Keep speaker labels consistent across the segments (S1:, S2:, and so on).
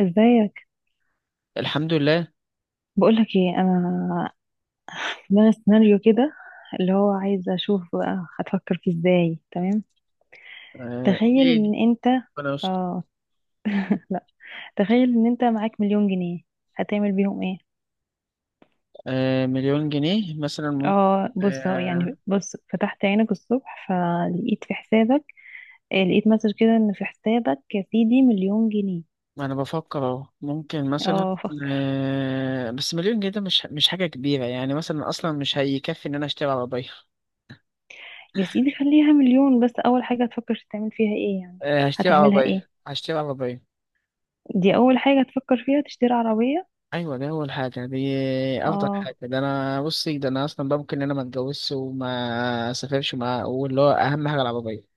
S1: ازيك؟
S2: الحمد لله.
S1: بقولك ايه، انا في دماغي سيناريو كده، اللي هو عايزه اشوف بقى هتفكر فيه ازاي، تمام؟ تخيل ان
S2: قليل.
S1: انت
S2: ربنا يستر.
S1: اه تخيل ان انت معاك مليون جنيه، هتعمل بيهم ايه؟
S2: مليون جنيه مثلا ممكن.
S1: اه، بص اهو،
S2: آه،
S1: يعني بص، فتحت عينك الصبح فلقيت في حسابك، لقيت مسج كده ان في حسابك يا سيدي مليون جنيه.
S2: ما انا بفكر اهو، ممكن مثلا.
S1: اه، فكر.
S2: بس مليون جنيه ده مش حاجة كبيرة، يعني مثلا اصلا مش هيكفي ان انا اشتري عربية.
S1: يا سيدي خليها مليون، بس اول حاجه هتفكر تعمل فيها ايه يعني؟
S2: هشتري
S1: هتعملها
S2: عربية
S1: ايه؟
S2: هشتري عربية
S1: دي اول حاجه هتفكر فيها، تشتري عربيه؟
S2: ايوه، ده اول حاجة دي. افضل حاجة،
S1: اه.
S2: ده انا، بصي، ده انا اصلا بقى ممكن ان انا ما اتجوزش وما اسافرش وما، واللي هو اهم حاجة العربية.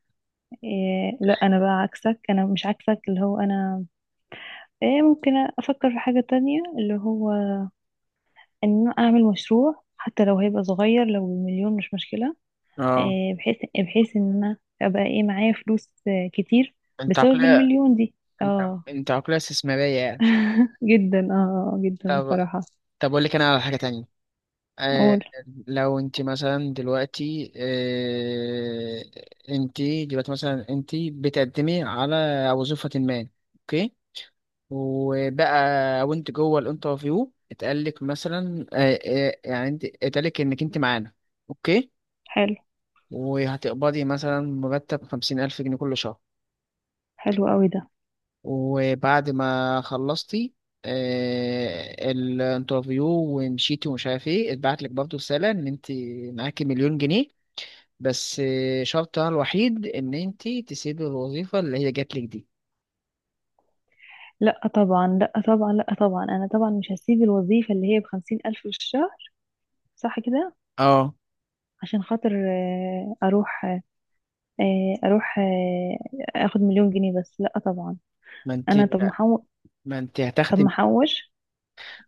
S1: إيه، لا انا بقى عكسك، انا مش عكسك، اللي هو انا، إيه، ممكن افكر في حاجة تانية اللي هو ان أنا اعمل مشروع، حتى لو هيبقى صغير، لو بمليون مش مشكلة.
S2: اه،
S1: إيه، بحيث ان انا ابقى ايه، معايا فلوس كتير
S2: انت
S1: بسبب
S2: عقلية،
S1: المليون دي.
S2: انت
S1: اه.
S2: انت عقلية استثمارية يعني.
S1: جدا، اه. جدا
S2: طب
S1: بصراحة.
S2: طب اقول لك انا على حاجة تانية. آه،
S1: قول.
S2: لو انت مثلا دلوقتي، انت دلوقتي مثلا، انت بتقدمي على وظيفة ما، اوكي، وبقى وانت جوه الانترفيو، اتقالك مثلا يعني انت اتقالك انك انت معانا، اوكي،
S1: حلو.
S2: وهتقبضي مثلا مرتب 50 ألف جنيه كل شهر.
S1: حلو قوي ده.
S2: وبعد ما خلصتي الانترفيو ومشيتي ومش عارف ايه، اتبعت لك برضه رسالة ان انت معاكي مليون جنيه، بس شرطها الوحيد ان انت تسيبي الوظيفه اللي هي جاتلك دي.
S1: لا طبعا، لا طبعا، لا طبعا، انا طبعا مش هسيب الوظيفة اللي هي بخمسين الف في الشهر. صح كده؟
S2: اه،
S1: عشان خاطر اروح، اروح اخد مليون جنيه بس؟ لا طبعا.
S2: ما انت
S1: انا، طب محوش.
S2: ما انت
S1: طب
S2: هتخدم،
S1: محوش.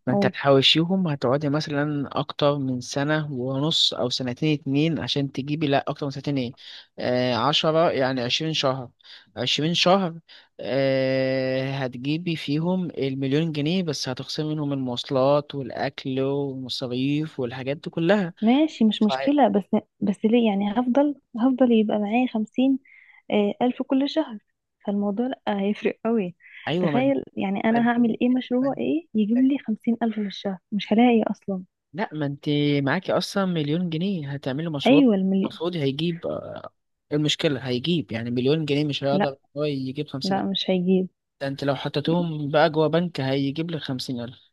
S2: ما انت
S1: اقول.
S2: هتحوشيهم، هتقعدي مثلا اكتر من سنة ونص او سنتين اتنين عشان تجيبي، لا اكتر من سنتين ايه، آه عشرة يعني 20 شهر، 20 شهر، آه هتجيبي فيهم المليون جنيه، بس هتخصمي منهم المواصلات والاكل والمصاريف والحاجات دي كلها.
S1: ماشي، مش
S2: ف-
S1: مشكلة، بس ليه، يعني هفضل يبقى معايا خمسين الف كل شهر. فالموضوع لا هيفرق قوي.
S2: ايوه، من،
S1: تخيل يعني، انا هعمل ايه، مشروع ايه يجيب لي خمسين الف في الشهر، مش هلاقي اصلا.
S2: لا، ما انت معاكي اصلا مليون جنيه هتعملي مشروع
S1: ايوه، المليون.
S2: المفروض هيجيب، المشكلة، هيجيب يعني مليون جنيه مش
S1: لا،
S2: هيقدر هو يجيب خمسين
S1: لا
S2: ألف
S1: مش هيجيب.
S2: ده انت لو حطيتهم بقى جوا بنك هيجيب لك 50 ألف.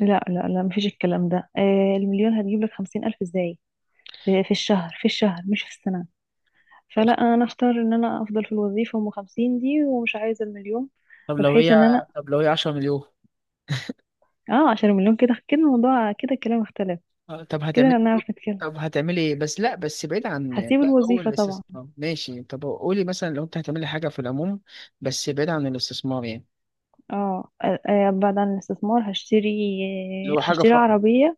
S1: لا، لا، لا، مفيش الكلام ده، المليون هتجيب لك 50 ألف ازاي؟ في الشهر، في الشهر مش في السنة.
S2: طب
S1: فلا، انا اختار ان انا افضل في الوظيفه ام 50 دي ومش عايزه المليون.
S2: طب لو
S1: بحيث ان انا،
S2: هي طب لو هي 10 مليون.
S1: اه، عشان المليون كده كده، الموضوع كده، الكلام اختلف.
S2: آه، طب
S1: كده انا
S2: هتعملي
S1: بنعرف نتكلم.
S2: طب هتعملي ايه؟ بس لا، بس بعيد عن
S1: هسيب
S2: بقى هو
S1: الوظيفه طبعا.
S2: الاستثمار، ماشي، طب قولي مثلا لو انت هتعملي حاجة في العموم، بس بعيد عن الاستثمار يعني،
S1: اه، بعد عن الاستثمار
S2: اللي
S1: هشتري.
S2: هو حاجة
S1: هشتري
S2: فقط.
S1: عربيه.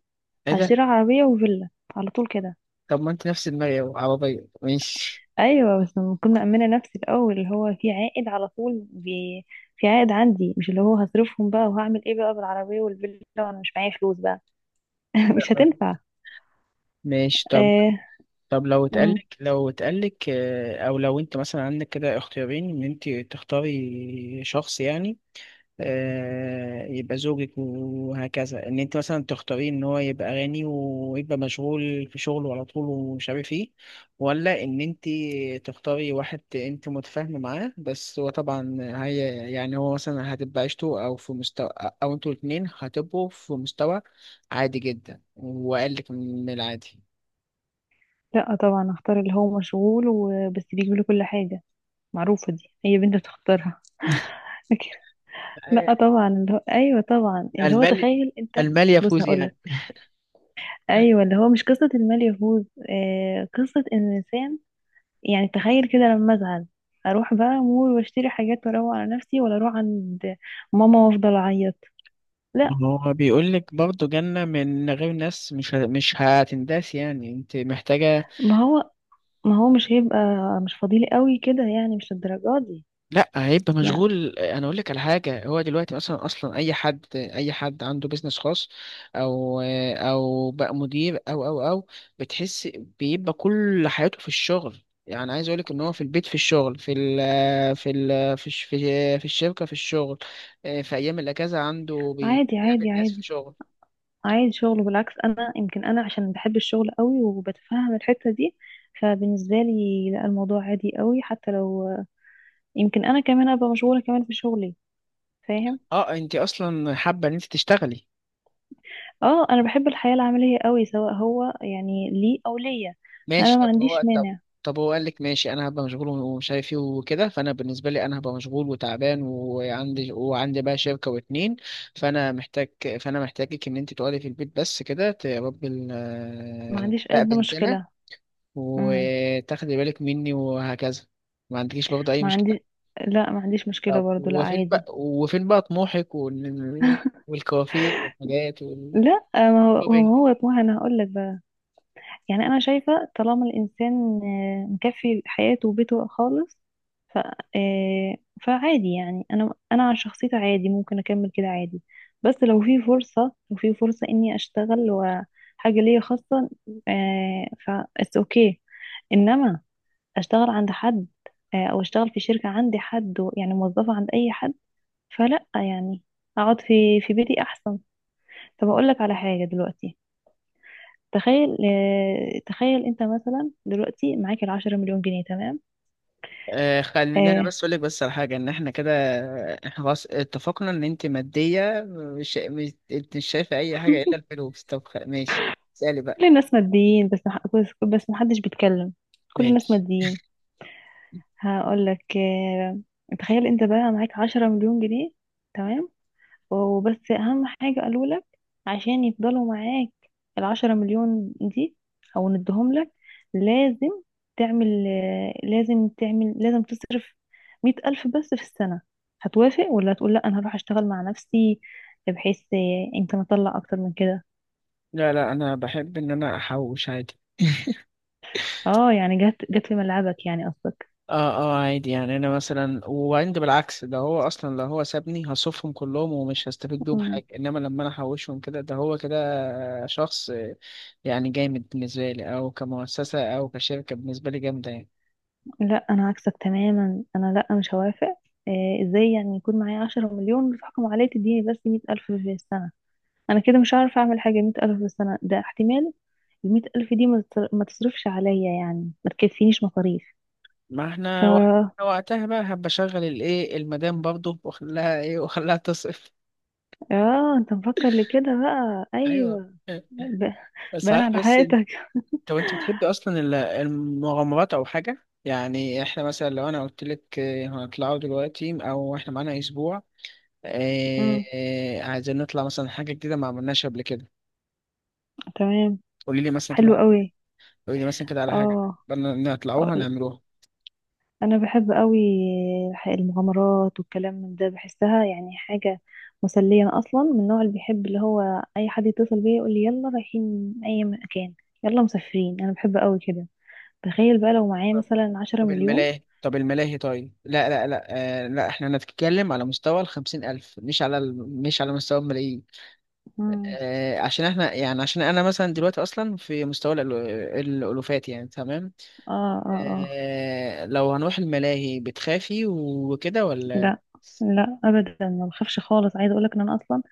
S2: ايه ده؟
S1: هشتري عربيه وفيلا، على طول كده.
S2: طب ما انت نفس دماغي عربية، ماشي،
S1: ايوه، بس لما اكون مأمنه نفسي الاول، اللي هو في عائد على طول، بي... في عائد عندي، مش اللي هو هصرفهم بقى وهعمل ايه بقى بالعربيه والفيلا وانا مش معايا فلوس بقى. مش
S2: تمام.
S1: هتنفع.
S2: ماشي، طب،
S1: آه.
S2: طب لو اتقالك او لو انت مثلا عندك كده اختيارين ان انت تختاري شخص يعني، يبقى زوجك وهكذا، ان انت مثلا تختاري ان هو يبقى غني ويبقى مشغول في شغله على طول ومش عارف ايه، ولا ان انت تختاري واحد انت متفاهمه معاه، بس هو طبعا، هي يعني، هو مثلا هتبقى عيشته، او في مستوى، او انتوا الاتنين هتبقوا في مستوى عادي جدا وقالك من العادي.
S1: لا طبعا، اختار اللي هو مشغول وبس بيجيب له كل حاجه. معروفه، دي هي بنت بتختارها. لكن- لا طبعا اللي هو، ايوه طبعا، اللي هو
S2: المال
S1: تخيل انت.
S2: المال
S1: بص
S2: يفوز
S1: هقول
S2: يعني؟
S1: لك. ايوه، اللي هو مش قصه المال يفوز، قصه ان الانسان، يعني تخيل كده لما ازعل، اروح بقى مول واشتري حاجات واروق على نفسي، ولا اروح عند ماما وافضل اعيط. لا.
S2: ما هو بيقول لك برضه جنة من غير ناس مش هتنداس، يعني انت محتاجة.
S1: ما هو ما هو مش هيبقى مش فضيلي قوي كده، يعني مش الدرجات دي.
S2: لا، هيبقى
S1: يعني
S2: مشغول. انا اقول لك على حاجة، هو دلوقتي مثلا اصلا، اي حد عنده بيزنس خاص، او او بقى مدير، او، بتحس بيبقى كل حياته في الشغل. يعني عايز اقول لك ان هو في البيت في الشغل، في الشركة في الشغل، في ايام الاجازة عنده
S1: عادي،
S2: بيقابل
S1: عادي،
S2: ناس في
S1: عادي.
S2: الشغل.
S1: عايز شغل، بالعكس انا، يمكن انا عشان بحب الشغل قوي وبتفهم الحتة دي، فبالنسبة لي لا، الموضوع عادي قوي، حتى لو يمكن انا كمان ابقى مشغولة كمان في شغلي. فاهم؟
S2: اه، انت اصلا حابه ان انت تشتغلي؟
S1: اه، انا بحب الحياة العملية قوي، سواء هو يعني لي او ليا.
S2: ماشي،
S1: فانا ما
S2: طب هو
S1: عنديش
S2: طب
S1: مانع.
S2: طب هو قال لك ماشي، انا هبقى مشغول ومش عارف ايه وكده، فانا بالنسبه لي انا هبقى مشغول وتعبان، وعندي بقى شركه واتنين، فانا محتاج فانا محتاجك ان انت تقعدي في البيت بس كده، تربي
S1: ما عنديش قد
S2: بقى بنتنا،
S1: مشكلة. امم.
S2: وتاخدي بالك مني، وهكذا. ما عندكيش برضه اي
S1: ما
S2: مشكله؟
S1: عندي. لا، ما عنديش مشكلة
S2: طب
S1: برضو، لا
S2: وفين
S1: عادي.
S2: بقى وفين بقى طموحك والكوافير والحاجات والشوبينج؟
S1: لا، ما هو يا طه انا هقول لك. يعني انا شايفة طالما الانسان مكفي حياته وبيته خالص، ف... آه، فعادي يعني، انا عن شخصيتي عادي، ممكن اكمل كده عادي. بس لو في فرصة، لو في فرصة اني اشتغل وحاجة ليا خاصة، ف it's اوكي. انما اشتغل عند حد، او اشتغل في شركة عندي حد و-، يعني موظفة عند اي حد، فلا، يعني اقعد في بيتي احسن. طب اقول لك على حاجة دلوقتي. تخيل انت مثلا دلوقتي معاك العشرة مليون جنيه، تمام؟
S2: خليني انا
S1: آه.
S2: بس اقول لك بس على حاجه، ان احنا كده، احنا خلاص اتفقنا ان انت ماديه، مش انت مش شايفه اي حاجه الا الفلوس، طب ماشي، اسالي بقى.
S1: كل الناس ماديين، بس محدش بيتكلم. كل الناس
S2: ماشي،
S1: ماديين. هقول لك تخيل انت بقى معاك عشرة مليون جنيه، تمام. وبس اهم حاجة قالوا لك عشان يفضلوا معاك العشرة مليون دي، او ندهم لك، لازم تعمل لازم تصرف مية ألف بس في السنة. هتوافق ولا هتقول لا، انا هروح اشتغل مع نفسي، بحيث يمكن اطلع اكتر من كده؟
S2: لا لا، انا بحب ان انا احوش عادي.
S1: اه، يعني جت جت في ملعبك، يعني قصدك؟
S2: اه اه، عادي، يعني انا مثلا، وعندي بالعكس، ده هو اصلا لو هو سابني هصرفهم كلهم ومش هستفيد بيهم
S1: مم.
S2: حاجه، انما لما انا احوشهم كده، ده هو كده شخص يعني جامد بالنسبه لي، او كمؤسسه او كشركه بالنسبه لي جامده يعني.
S1: لا، انا عكسك تماما، انا لا مش هوافق. إيه، ازاي يعني يكون معايا عشرة مليون وتحكم عليا تديني بس مية ألف في السنة؟ انا كده مش هعرف اعمل حاجه، 100,000 في السنه ده احتمال. ال 100,000 دي ما تصرفش عليا، يعني ما تكفينيش مصاريف.
S2: ما
S1: ف
S2: احنا وقتها بقى هبقى اشغل الايه المدام برضه، واخليها ايه، واخليها تصرف.
S1: اه، انت مفكر لكده بقى؟
S2: ايوه،
S1: ايوه. ب... باين
S2: صحيح،
S1: على
S2: بس
S1: حياتك.
S2: طب انت بتحبي اصلا المغامرات او حاجه، يعني احنا مثلا لو انا قلت لك هنطلعوا دلوقتي، او احنا معانا اسبوع،
S1: امم.
S2: عايزين نطلع مثلا حاجه جديده ما عملناش قبل كده،
S1: تمام.
S2: قولي لي مثلا
S1: حلو
S2: كده،
S1: قوي.
S2: قولي لي مثلا كده على حاجه
S1: اه،
S2: بدنا نطلعوها
S1: أقول-
S2: نعملوها.
S1: انا بحب قوي المغامرات والكلام من ده، بحسها يعني حاجه مسليه. انا اصلا من النوع اللي بيحب اللي هو، اي حد يتصل بيا يقول لي يلا رايحين اي مكان، يلا مسافرين، انا بحب قوي كده. تخيل بقى لو معايا مثلا عشرة
S2: طب
S1: مليون.
S2: الملاهي طب الملاهي طيب، لا لا لا، لا، احنا هنتكلم على مستوى الخمسين ألف، مش على مستوى الملايين.
S1: مم.
S2: عشان احنا يعني، عشان انا مثلا دلوقتي اصلا في مستوى الألوفات يعني، تمام،
S1: اه، اه، اه.
S2: لو هنروح الملاهي بتخافي وكده ولا؟
S1: لا، لا ابدا، ما بخافش خالص. عايزه اقول لك ان انا اصلا،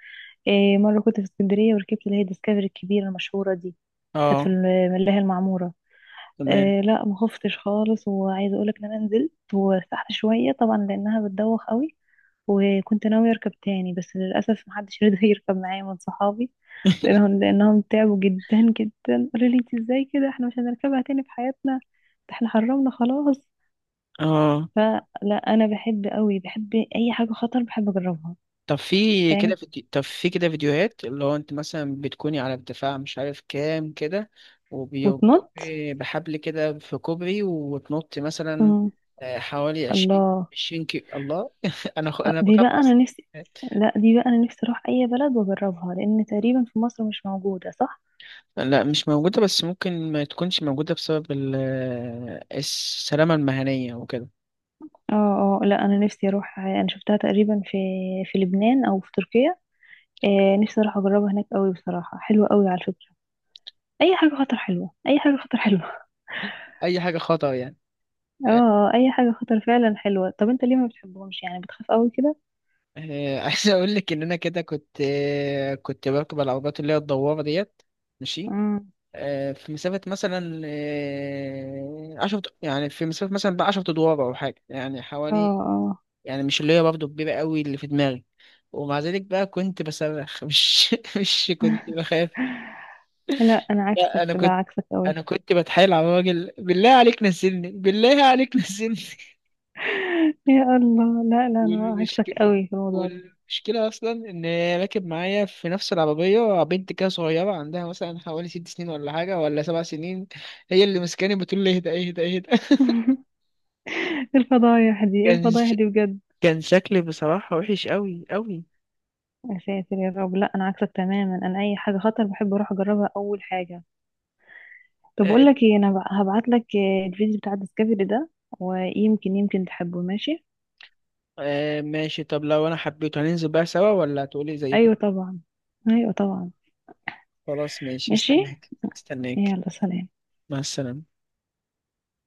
S1: إيه، مره كنت في اسكندريه وركبت اللي هي الديسكفري الكبيره المشهوره دي، كانت في
S2: اه،
S1: الملاهي المعموره.
S2: تمام.
S1: إيه، لا ما خفتش خالص، وعايزه اقول لك ان انا نزلت وارتحت شويه طبعا لانها بتدوخ قوي. وكنت ناوية أركب تاني، بس للأسف محدش رضى يركب معايا من صحابي. لأنهم تعبوا جدا جدا، قالوا لي انت ازاي كده، احنا مش هنركبها تاني في حياتنا، ده احنا حرمنا خلاص.
S2: اه،
S1: فلا، أنا بحب قوي، بحب أي حاجة خطر، بحب أجربها. فاهم؟
S2: طب في كده فيديوهات، اللي هو انت مثلا بتكوني على ارتفاع مش عارف كام كده،
S1: وتنط.
S2: وبتقفي بحبل كده في كوبري وتنطي مثلا
S1: مم.
S2: حوالي عشرين
S1: الله.
S2: عشرين كيلو. الله. انا
S1: دي
S2: بخاف
S1: بقى أنا
S2: اصلا.
S1: نفسي. لا، دي بقى أنا نفسي أروح أي بلد وأجربها، لأن تقريبا في مصر مش موجودة، صح؟
S2: لا، مش موجودة بس ممكن ما تكونش موجودة بسبب السلامة المهنية وكده.
S1: اه. اه، لا أنا نفسي أروح. أنا شفتها تقريبا في في لبنان أو في تركيا. نفسي اروح اجربها هناك قوي، بصراحه حلوه قوي على فكره. اي حاجه خطر حلوه، اي حاجه خطر حلوه.
S2: أي حاجة خطر يعني.
S1: اه، اي حاجه خطر فعلا حلوه. طب انت ليه ما بتحبهمش، يعني بتخاف قوي كده؟
S2: عايز أقول لك إن أنا كده كنت، كنت بركب العربيات اللي هي الدوارة ديت. ماشي،
S1: امم.
S2: في مسافة مثلا عشرة يعني، في مسافة مثلا بقى 10 أدوار أو حاجة، يعني
S1: اه،
S2: حوالي،
S1: اه،
S2: يعني مش اللي هي برضه كبيرة قوي اللي في دماغي، ومع ذلك بقى كنت بصرخ. مش كنت بخاف.
S1: لا انا
S2: لا،
S1: عكسك،
S2: أنا
S1: لا
S2: كنت
S1: عكسك
S2: أنا
S1: قوي.
S2: كنت بتحايل على الراجل، بالله عليك نزلني، بالله عليك نزلني.
S1: يا الله، لا، لا انا عكسك
S2: والمشكلة
S1: قوي في الموضوع ده.
S2: والمشكلة أصلا إن هي راكب معايا في نفس العربية بنت كده صغيرة عندها مثلا حوالي 6 سنين ولا حاجة، ولا 7 سنين، هي اللي مسكاني بتقول لي اهدى اهدى اهدى.
S1: الفضايح دي، إيه
S2: كان
S1: الفضايح
S2: ش...
S1: دي بجد!
S2: كان شكلي بصراحة وحش قوي قوي.
S1: يا ساتر يا رب، لا انا عكسك تماما، انا اي حاجه خطر بحب اروح اجربها اول حاجه. طب
S2: آه
S1: اقول لك ايه، انا هبعت لك، الفيديو بتاع الديسكفري ده، ويمكن يمكن تحبه، ماشي؟
S2: ماشي، طب لو انا حبيته هننزل بقى سوا، ولا هتقولي زي؟
S1: ايوه طبعا. ايوه طبعا.
S2: خلاص ماشي،
S1: ماشي.
S2: هستناك هستناك.
S1: يلا، سلام.
S2: مع السلامة.